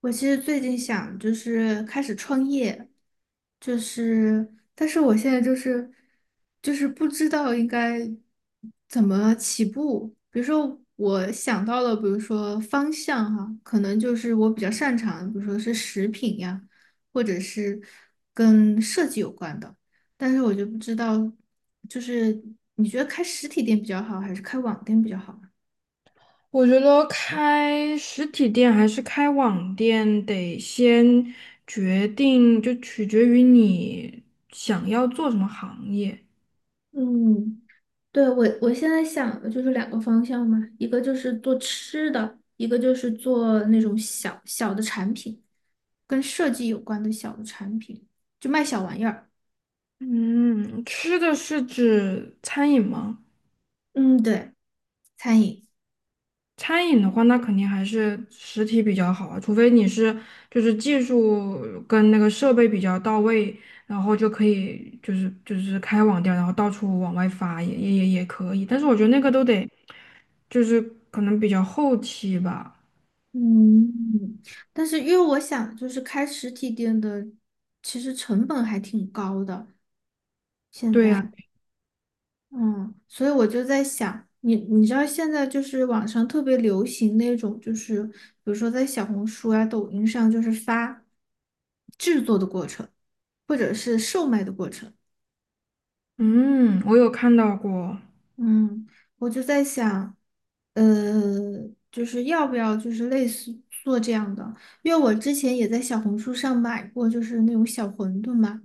我其实最近想开始创业，就是，但是我现在不知道应该怎么起步。比如说，我想到了，比如说方向哈，可能就是我比较擅长的比如说是食品呀，或者是跟设计有关的。但是我就不知道，就是你觉得开实体店比较好，还是开网店比较好啊我觉得开实体店还是开网店，得先决定，就取决于你想要做什么行业。嗯。对，我现在想的就是两个方向嘛，一个就是做吃的，一个就是做那种小小的产品，跟设计有关的小的产品，就卖小玩意儿。嗯，吃的是指餐饮吗？嗯，对，餐饮。餐饮的话，那肯定还是实体比较好啊，除非你是技术跟那个设备比较到位，然后就可以开网店，然后到处往外发也可以。但是我觉得那个都得就是可能比较后期吧。嗯，但是因为我想开实体店的，其实成本还挺高的，现对呀，在。嗯，所以我就在想，你知道现在就是网上特别流行那种，就是比如说在小红书啊、抖音上，就是发制作的过程，或者是售卖的过程。嗯，我有看到过，嗯，我就在想，呃，就是要不要就是类似做这样的，因为我之前也在小红书上买过，就是那种小馄饨嘛。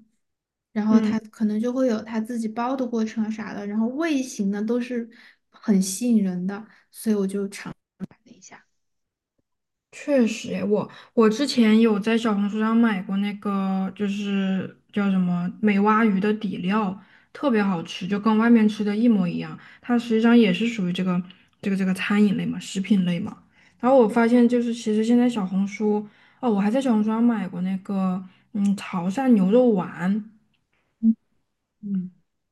然后它嗯，可能就会有它自己包的过程啊啥的，然后味型呢都是很吸引人的。确实诶我之前有在小红书上买过那个，就是叫什么美蛙鱼的底料，特别好吃，就跟外面吃的一模一样。它实际上也是属于这个餐饮类嘛，食品类嘛。然后我发现，就是其实现在小红书，哦，我还在小红书上买过那个，嗯，潮汕牛肉丸。嗯，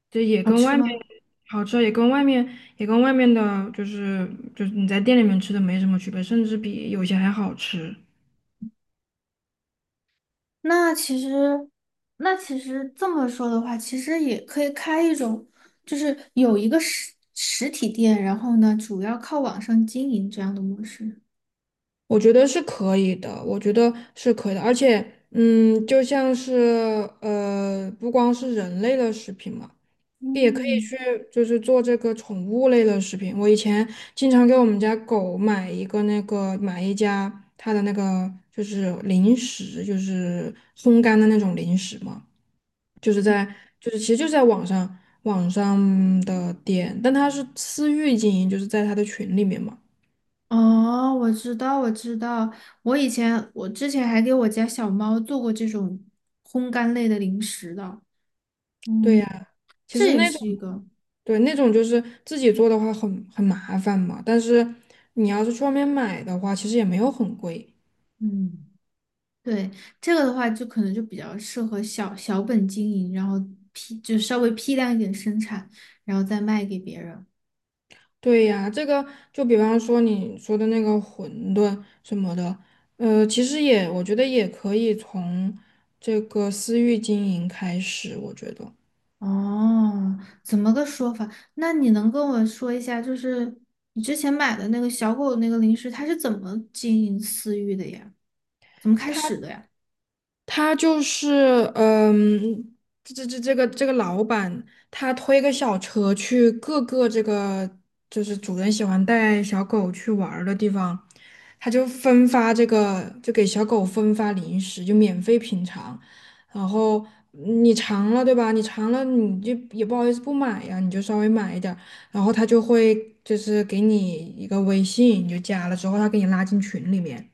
这也好跟吃外面吗？好吃，也跟外面的，就是你在店里面吃的没什么区别，甚至比有些还好吃。那其实，那其实这么说的话，其实也可以开一种，就是有一个实体店，然后呢，主要靠网上经营这样的模式。我觉得是可以的，我觉得是可以的，而且，嗯，就像是不光是人类的食品嘛，也可以嗯，去做这个宠物类的食品。我以前经常给我们家狗买一个那个买一家它的那个就是零食，就是烘干的那种零食嘛。就是在其实就是在网上的店，但他是私域经营，就是在他的群里面嘛。哦，我知道，我知道，我之前还给我家小猫做过这种烘干类的零食的，对嗯，呀，其这实也那种是一个，对那种就是自己做的话很麻烦嘛，但是你要是去外面买的话，其实也没有很贵。嗯。对，这个的话，就可能就比较适合小小本经营，然后批就稍微批量一点生产，然后再卖给别人。对呀，这个就比方说你说的那个馄饨什么的，其实也我觉得也可以从这个私域经营开始，我觉得。哦，怎么个说法？那你能跟我说一下，就是你之前买的那个小狗那个零食，它是怎么经营私域的呀？怎么开始的呀？他就是，嗯，这个老板，他推个小车去各个这个就是主人喜欢带小狗去玩儿的地方，他就分发这个，就给小狗分发零食，就免费品尝。然后你尝了，对吧？你尝了，你就也不好意思不买呀，你就稍微买一点儿。然后他就会给你一个微信，你就加了之后，他给你拉进群里面。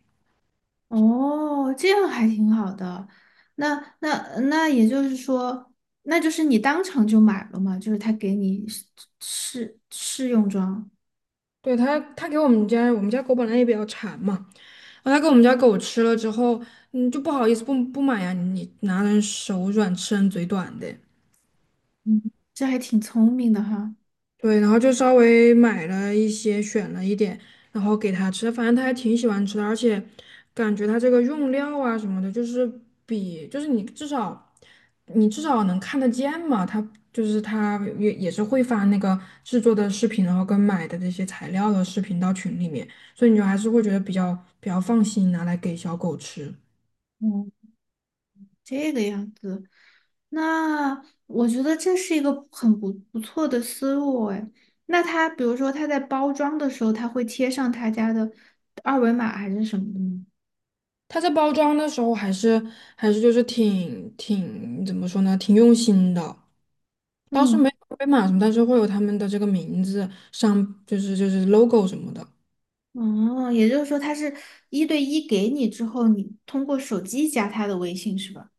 哦，这样还挺好的。那也就是说，那就是你当场就买了嘛，就是他给你试试用装。对，他给我们家狗本来也比较馋嘛。后他给我们家狗吃了之后，嗯，就不好意思不买呀，你拿人手软，吃人嘴短的。嗯，这还挺聪明的哈。对，然后就稍微买了一些，选了一点，然后给它吃，反正它还挺喜欢吃的，而且感觉它这个用料啊什么的，就是比就是你至少能看得见嘛，它就是它也是会发那个制作的视频，然后跟买的这些材料的视频到群里面，所以你就还是会觉得比较放心拿来给小狗吃。嗯，这个样子，那我觉得这是一个很不错的思路哎。那他比如说他在包装的时候，他会贴上他家的二维码还是什么的吗？它在包装的时候还是就是挺怎么说呢，挺用心的。当时没嗯，有被码什么，但是会有他们的这个名字上，就是 logo 什么的。哦，也就是说他是一对一给你之后，你通过手机加他的微信是吧？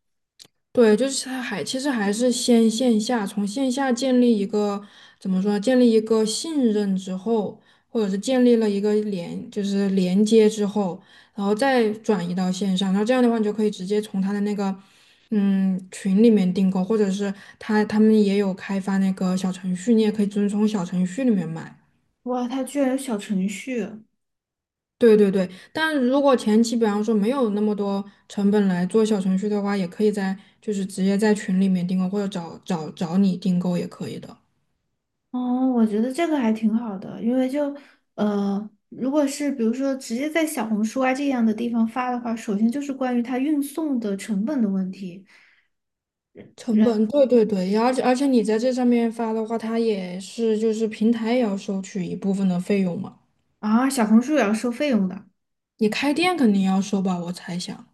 对，就是他还其实还是先线下，从线下建立一个怎么说呢建立一个信任之后，或者是建立了一个连，就是连接之后，然后再转移到线上，然后这样的话，你就可以直接从他的那个嗯群里面订购，或者是他们也有开发那个小程序，你也可以遵从小程序里面买。哇，他居然有小程序。对对对，但如果前期比方说没有那么多成本来做小程序的话，也可以在直接在群里面订购，或者找你订购也可以的。哦，我觉得这个还挺好的，因为就如果是比如说直接在小红书啊这样的地方发的话，首先就是关于它运送的成本的问题，成本，对对对，而且你在这上面发的话，它也是就是平台也要收取一部分的费用嘛。啊，小红书也要收费用的，你开店肯定要收吧，我猜想。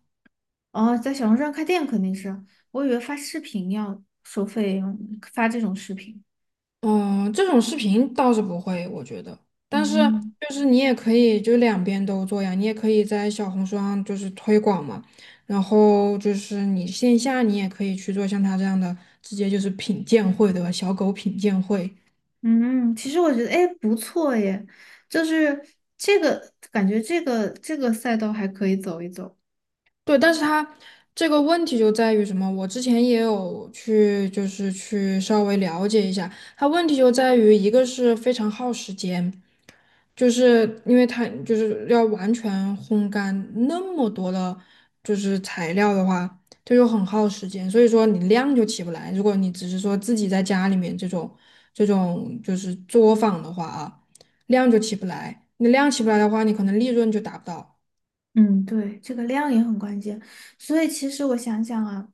哦，在小红书上开店肯定是，我以为发视频要收费用，发这种视频，嗯，这种视频倒是不会，我觉得。但是嗯就是你也可以就两边都做呀，你也可以在小红书上就是推广嘛，然后就是你线下你也可以去做像他这样的，直接就是品鉴会，对吧？小狗品鉴会。嗯，其实我觉得哎不错耶，就是这个感觉这个赛道还可以走一走。对，但是它这个问题就在于什么？我之前也有去，就是去稍微了解一下，它问题就在于一个是非常耗时间，就是因为它就是要完全烘干那么多的，就是材料的话，这就很耗时间，所以说你量就起不来。如果你只是说自己在家里面这种就是作坊的话啊，量就起不来，你量起不来的话，你可能利润就达不到。嗯，对，这个量也很关键。所以其实我想想啊，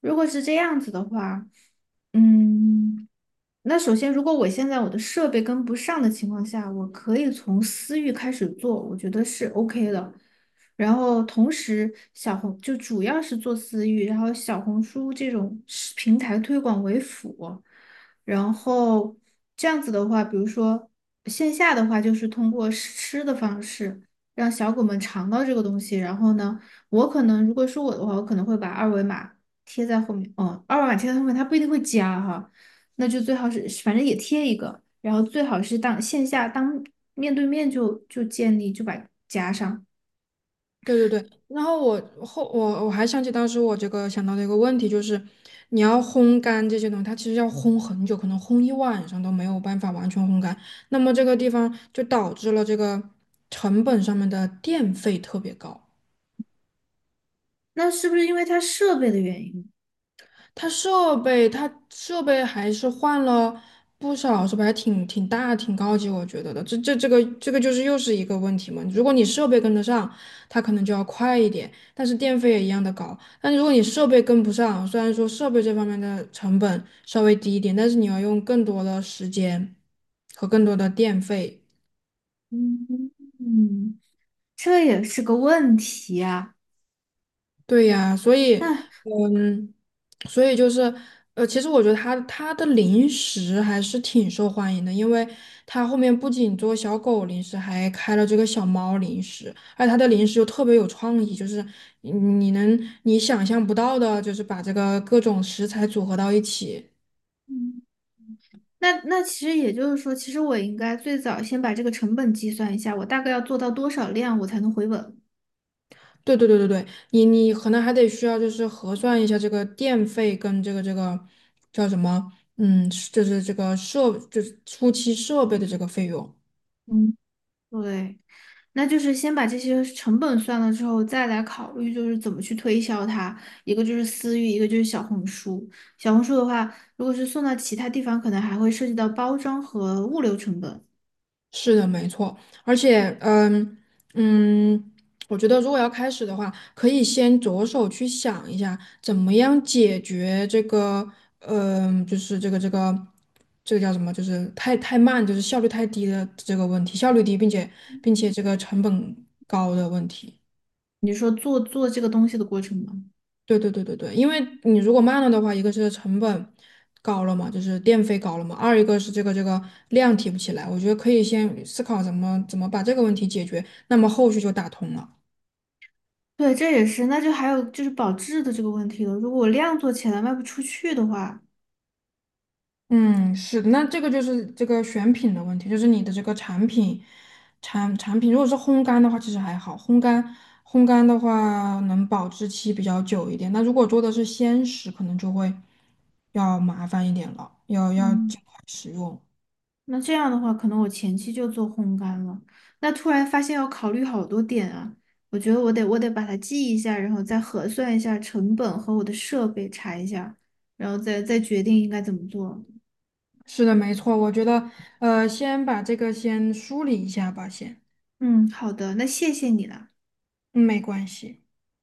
如果是这样子的话，嗯。那首先，如果我现在我的设备跟不上的情况下，我可以从私域开始做，我觉得是 OK 的。然后同时，小红就主要是做私域，然后小红书这种是平台推广为辅。然后这样子的话，比如说线下的话，就是通过试吃的方式让小狗们尝到这个东西。然后呢，我可能如果是我的话，我可能会把二维码贴在后面。哦，二维码贴在后面，它不一定会加哈。那就最好是反正也贴一个，然后最好是当线下当面对面就建立就把加上。对对对，然后我还想起当时我这个想到的一个问题，就是你要烘干这些东西，它其实要烘很久，可能烘一晚上都没有办法完全烘干。那么这个地方就导致了这个成本上面的电费特别高。那是不是因为它设备的原因？它设备，它设备还是换了不少，设备还挺挺大、挺高级，我觉得的。这个就是又是一个问题嘛。如果你设备跟得上，它可能就要快一点，但是电费也一样的高。但如果你设备跟不上，虽然说设备这方面的成本稍微低一点，但是你要用更多的时间和更多的电费。嗯嗯，这也是个问题啊。对呀，所以，那嗯，所以就是，其实我觉得它的零食还是挺受欢迎的，因为它后面不仅做小狗零食，还开了这个小猫零食，而且它的零食又特别有创意，就是你你能你想象不到的，就是把这个各种食材组合到一起。嗯那其实也就是说，其实我应该最早先把这个成本计算一下，我大概要做到多少量我才能回本？对对对对对，你可能还得需要就是核算一下这个电费跟这个叫什么，嗯，就是这个设就是初期设备的这个费用。嗯，对。那就是先把这些成本算了之后，再来考虑就是怎么去推销它。一个就是私域，一个就是小红书。小红书的话，如果是送到其他地方，可能还会涉及到包装和物流成本。是的，没错，而且，嗯嗯，我觉得如果要开始的话，可以先着手去想一下，怎么样解决这个，嗯，就是这个叫什么，就是太慢，就是效率太低的这个问题，效率低，并且这个成本高的问题。你说做这个东西的过程吗？对对对对对，因为你如果慢了的话，一个是成本高了嘛，就是电费高了嘛；二一个是这个量提不起来。我觉得可以先思考怎么把这个问题解决，那么后续就打通了。对，这也是。那就还有就是保质的这个问题了。如果我量做起来卖不出去的话，嗯，是的，那这个就是这个选品的问题，就是你的这个产品产品，如果是烘干的话，其实还好，烘干的话能保质期比较久一点。那如果做的是鲜食，可能就会要麻烦一点了，要嗯。尽快使用。那这样的话，可能我前期就做烘干了。那突然发现要考虑好多点啊，我觉得我得把它记一下，然后再核算一下成本和我的设备查一下，然后再决定应该怎么做。是的，没错，我觉得，先把这个先梳理一下吧，先，嗯，好的，那谢谢你了。嗯，没关系。